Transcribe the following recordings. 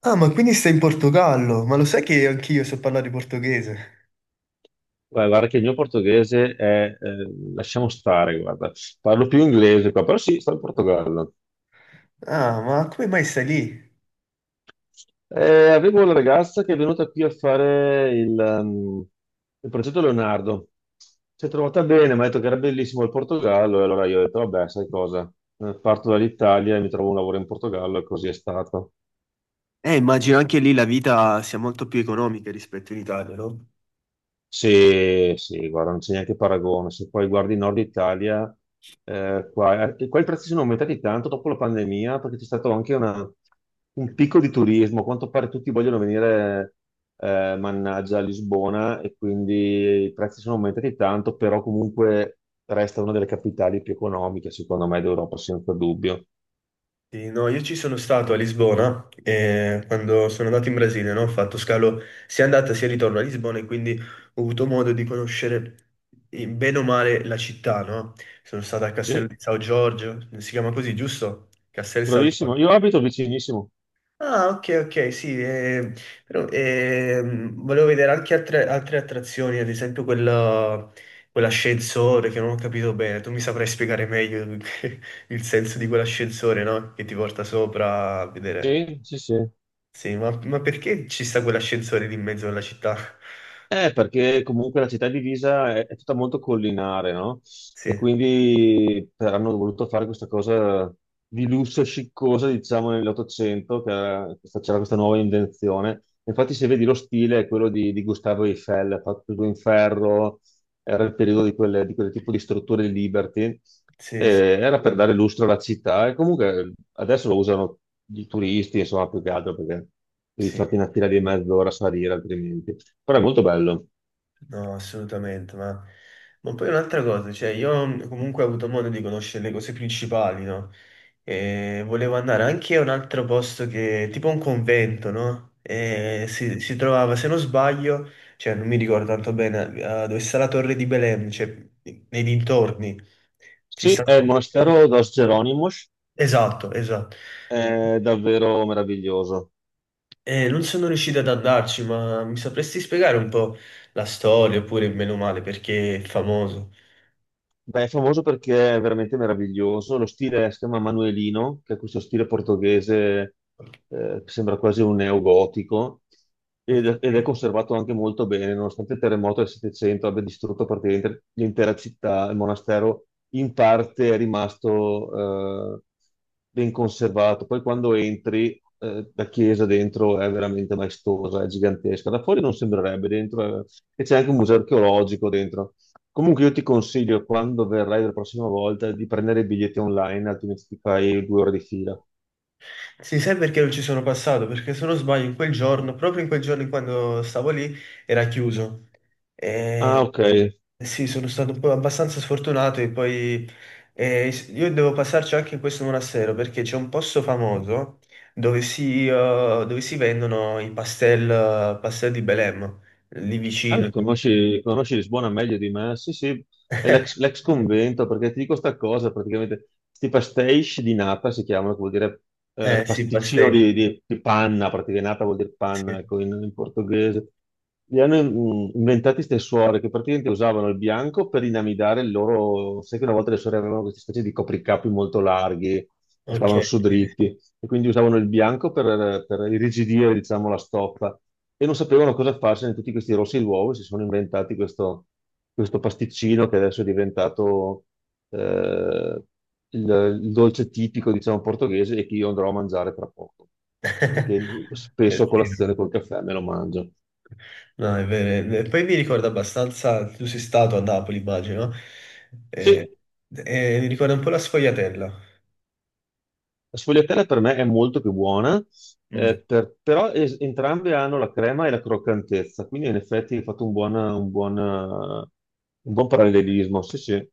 Ah, ma quindi stai in Portogallo? Ma lo sai che anch'io so parlare portoghese? Guarda, guarda che il mio portoghese è, lasciamo stare, guarda, parlo più inglese qua, però sì, sto in Portogallo. Ah, ma come mai stai lì? Avevo una ragazza che è venuta qui a fare il progetto Leonardo. Si è trovata bene, mi ha detto che era bellissimo il Portogallo, e allora io ho detto, vabbè, sai cosa, parto dall'Italia e mi trovo un lavoro in Portogallo, e così è stato. Immagino anche lì la vita sia molto più economica rispetto in Italia, no? Sì, sì, guarda, non c'è neanche paragone. Se poi guardi il Nord Italia, qua, qua i prezzi sono aumentati tanto dopo la pandemia perché c'è stato anche un picco di turismo. A quanto pare tutti vogliono venire, mannaggia, a Lisbona e quindi i prezzi sono aumentati tanto, però comunque resta una delle capitali più economiche, secondo me, d'Europa, senza dubbio. Sì, no, io ci sono stato a Lisbona quando sono andato in Brasile, no? Ho fatto scalo sia andata sia ritorno a Lisbona e quindi ho avuto modo di conoscere bene o male la città, no? Sono stato a Castello Sì, di São Giorgio, si chiama così, giusto? Castello di São bravissimo. Giorgio. Io abito vicinissimo. Ah, ok, ok, sì, però volevo vedere anche altre attrazioni, ad esempio quella, quell'ascensore che non ho capito bene, tu mi saprai spiegare meglio il senso di quell'ascensore, no? Che ti porta sopra a vedere. Sì, sì, sì. Sì, ma perché ci sta quell'ascensore lì in mezzo alla città? Perché comunque la città di Pisa è tutta molto collinare, no? E Sì, quindi hanno voluto fare questa cosa di lusso e sciccosa, diciamo, nell'Ottocento, c'era questa nuova invenzione. Infatti, se vedi lo stile è quello di Gustavo Eiffel, fatto tutto in ferro, era il periodo di quel tipo di strutture di Liberty, e sì, sì. era per dare lustro alla città. E comunque adesso lo usano i turisti, insomma, più che altro perché devi Sì. farti una fila di mezz'ora a salire altrimenti. Però è molto bello. No, assolutamente, ma poi un'altra cosa, cioè io comunque ho avuto modo di conoscere le cose principali, no? E volevo andare anche a un altro posto che, tipo un convento, no? E si trovava, se non sbaglio, cioè non mi ricordo tanto bene, dove sta la torre di Belem, cioè nei dintorni. Ci Sì, sta un è il convento. monastero Dos Geronimos, Esatto, esatto. è davvero meraviglioso. E non sono riuscito ad andarci, ma mi sapresti spiegare un po' la storia, oppure meno male, perché è famoso. Beh, è famoso perché è veramente meraviglioso. Lo stile si chiama Manuelino, che è questo stile portoghese, che sembra quasi un neogotico, ed è Ok. conservato anche molto bene, nonostante il terremoto del 700 abbia distrutto praticamente l'intera città. Il monastero in parte è rimasto, ben conservato. Poi quando entri, la chiesa dentro è veramente maestosa, è gigantesca. Da fuori non sembrerebbe, e c'è anche un museo archeologico dentro. Comunque io ti consiglio, quando verrai la prossima volta, di prendere i biglietti online, altrimenti ti fai due ore di fila. Sì, sai perché non ci sono passato? Perché se non sbaglio in quel giorno, proprio in quel giorno in quando stavo lì, era chiuso. Ah, E... ok. Sì, sono stato un po' abbastanza sfortunato e poi io devo passarci anche in questo monastero perché c'è un posto famoso dove dove si vendono i pastel, pastel di Belem, lì Allora, vicino. Conosci Lisbona meglio di me? Sì, sì, è l'ex convento, perché ti dico sta cosa, praticamente, questi pastéis di nata si chiamano, che vuol dire Eh sì, pasticcino pastel. Di panna, praticamente nata vuol dire Sì. panna, ecco, in portoghese. Li hanno inventati queste suore che praticamente usavano il bianco per inamidare il loro... Sai che una volta le suore avevano queste specie di copricapi molto larghi, che Ok. stavano su Sì. dritti e quindi usavano il bianco per irrigidire, diciamo, la stoffa e non sapevano cosa farsene di tutti questi rossi d'uovo e si sono inventati questo pasticcino che adesso è diventato eh, il dolce tipico, diciamo, portoghese e che io andrò a mangiare tra poco, perché spesso a sì. colazione col caffè me lo mangio. No, è vero. È vero. Poi mi ricorda abbastanza, tu sei stato a Napoli, immagino, sì. Sì, Mi ricorda un po' la sfogliatella. la sfogliatella per me è molto più buona, Mm. Però entrambe hanno la crema e la croccantezza, quindi in effetti hai fatto un buon parallelismo. Sì, sì.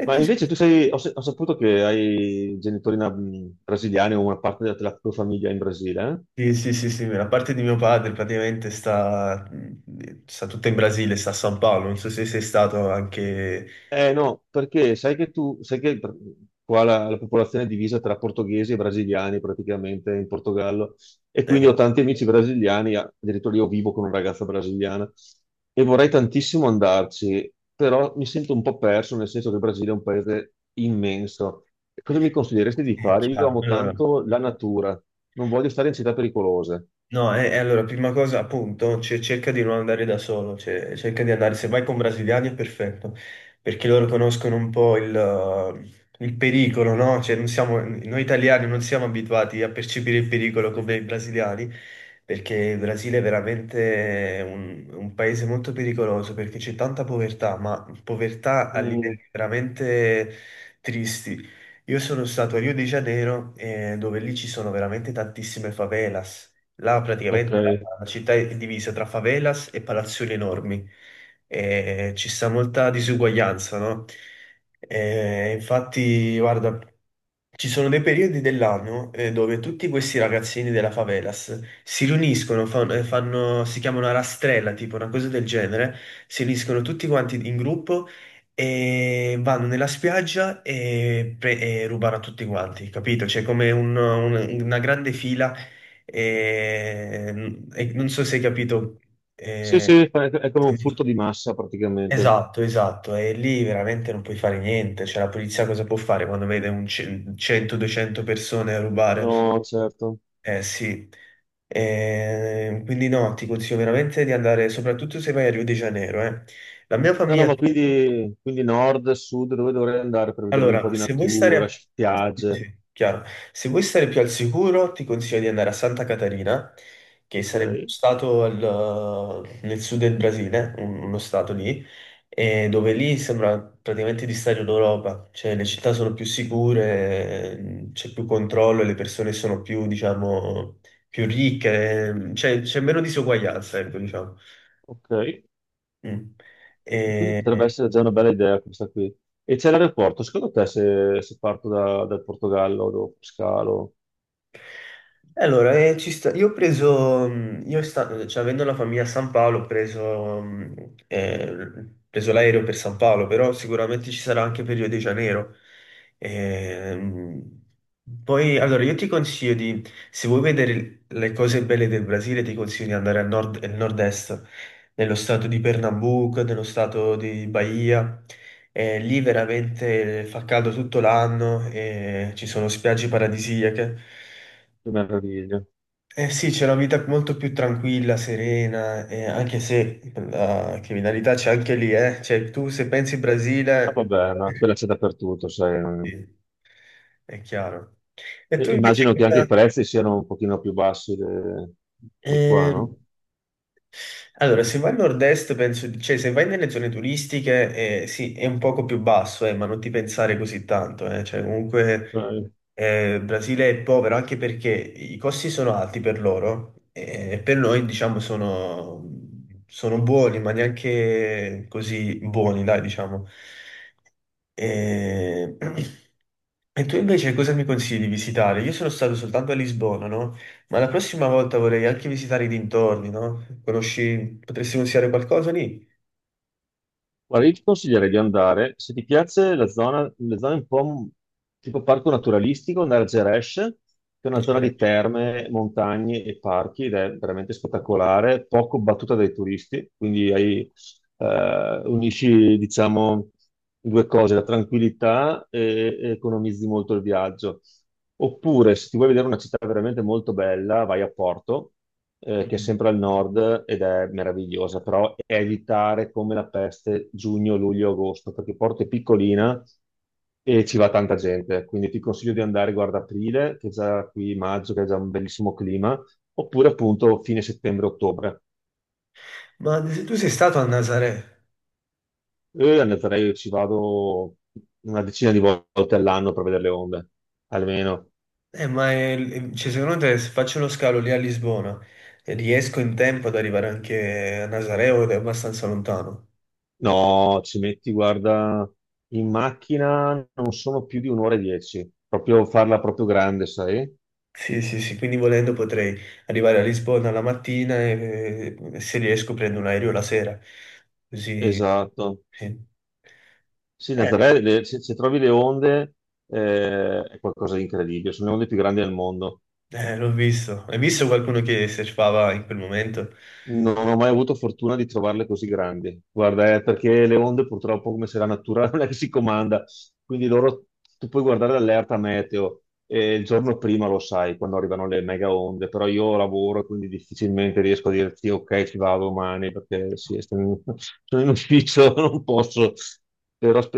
E Ma tu sei... invece tu sei, ho, se- ho saputo che hai brasiliani o una parte della tua famiglia in Brasile, eh? Sì, sì, sì, sì, la parte di mio padre praticamente sta, sta tutta in Brasile, sta a San Paolo, non so se sei stato anche... Eh no, perché sai che qua la popolazione è divisa tra portoghesi e brasiliani praticamente in Portogallo e quindi eh, ho tanti amici brasiliani, addirittura io vivo con una ragazza brasiliana e vorrei tantissimo andarci, però mi sento un po' perso nel senso che il Brasile è un paese immenso. E cosa mi consiglieresti di sì, fare? Io chiaro. amo Allora, tanto la natura, non voglio stare in città pericolose. no, e allora, prima cosa, appunto, cioè, cerca di non andare da solo, cioè, cerca di andare, se vai con brasiliani è perfetto, perché loro conoscono un po' il pericolo, no? Cioè, non siamo- noi italiani non siamo abituati a percepire il pericolo come i brasiliani, perché il Brasile è veramente un paese molto pericoloso, perché c'è tanta povertà, ma povertà a Mm, livelli veramente tristi. Io sono stato a Rio de Janeiro, dove lì ci sono veramente tantissime favelas. Là ok. praticamente la città è divisa tra favelas e palazzoni enormi. E ci sta molta disuguaglianza, no? E infatti, guarda, ci sono dei periodi dell'anno dove tutti questi ragazzini della favelas si riuniscono, fanno, si chiama una rastrella, tipo una cosa del genere, si riuniscono tutti quanti in gruppo e vanno nella spiaggia e, e rubano a tutti quanti, capito? C'è come un- una grande fila e non so se hai capito. Sì, sì, eh, è come un furto di massa praticamente. esatto, esatto, e lì veramente non puoi fare niente. Cioè, la polizia cosa può fare quando vede un ce- 100-200 persone a rubare? No, certo. Eh sì. Quindi no, ti consiglio veramente di andare, soprattutto se vai a Rio de Janeiro, eh. La mia No, no, famiglia. ma quindi, quindi nord, sud, dove dovrei andare per vedervi un po' Allora, di se vuoi stare natura, a- sì, spiagge? sì, chiaro. Se vuoi stare più al sicuro, ti consiglio di andare a Santa Catarina, che sarebbe uno Ok, stato al- nel sud del Brasile, un- uno stato lì, e dove lì sembra praticamente di stare in Europa, cioè le città sono più sicure, c'è più controllo, le persone sono più, diciamo, più ricche, c'è meno disuguaglianza, ecco, diciamo. ok. Mm. E quindi potrebbe E- essere già una bella idea questa qui. E c'è l'aeroporto, secondo te se parto dal Portogallo dopo scalo, E allora, ci sta- io ho preso, io sta- cioè, avendo la famiglia a San Paolo, ho preso, ho preso l'aereo per San Paolo, però sicuramente ci sarà anche per Rio de Janeiro. Ehm, Poi, allora, io ti consiglio di, se vuoi vedere le cose belle del Brasile, ti consiglio di andare al nord, nel nord-est, nello stato di Pernambuco, nello stato di Bahia. Lì veramente fa caldo tutto l'anno, e ci sono spiagge paradisiache. che meraviglia. Eh sì, c'è una vita molto più tranquilla, serena, anche se la criminalità c'è anche lì, eh. Cioè, tu se pensi Ah, Brasile, vabbè, ma quella c'è dappertutto, sai. Non... sì, è chiaro. E E tu invece immagino che anche i cosa, prezzi siano un pochino più bassi di qua, eh, no? allora, se vai al nord-est, penso, cioè se vai nelle zone turistiche, sì, è un poco più basso, ma non ti pensare così tanto, eh. Cioè, comunque Ok. Brasile è povero anche perché i costi sono alti per loro e per noi, diciamo, sono, sono buoni, ma neanche così buoni, dai, diciamo. Eh, e tu invece cosa mi consigli di visitare? Io sono stato soltanto a Lisbona, no? Ma la prossima volta vorrei anche visitare i dintorni, no? Conosci, potresti consigliare qualcosa lì? Guarda, io ti consiglierei di andare, se ti piace la zona un po' tipo parco naturalistico, andare a Geresh, che è In una zona genere. di terme, montagne e parchi ed è veramente spettacolare, poco battuta dai turisti, quindi hai unisci, diciamo, due cose, la tranquillità e economizzi molto il viaggio. Oppure, se ti vuoi vedere una città veramente molto bella, vai a Porto, che è Mm. sempre al nord ed è meravigliosa, però evitare come la peste giugno, luglio, agosto, perché Porto è piccolina e ci va tanta gente. Quindi ti consiglio di andare, guarda, aprile, che è già qui maggio, che è già un bellissimo clima, oppure appunto fine settembre-ottobre. Ma se tu sei stato a Nazaré, Io le andrei, ci vado una decina di volte all'anno per vedere le onde, almeno. Cioè, secondo te se faccio uno scalo lì a Lisbona, riesco in tempo ad arrivare anche a Nazaré o è abbastanza lontano? No, ci metti, guarda, in macchina non sono più di un'ora e dieci, proprio farla proprio grande, sai? Sì, sì, sì, quindi volendo potrei arrivare a Lisbona la mattina e se riesco prendo un aereo la sera. Così, Esatto. sì. Sì, Eh, Nazaré, se trovi le onde è qualcosa di incredibile, sono le onde più grandi del mondo. L'ho visto. Hai visto qualcuno che surfava in quel momento? Non ho mai avuto fortuna di trovarle così grandi. Guarda, perché le onde purtroppo, come se la natura non è che si comanda, quindi loro tu puoi guardare l'allerta meteo e il giorno prima lo sai quando arrivano le mega onde, però io lavoro e quindi difficilmente riesco a dirti ok, ci vado domani perché sì, sto in- sono in ufficio, non posso, però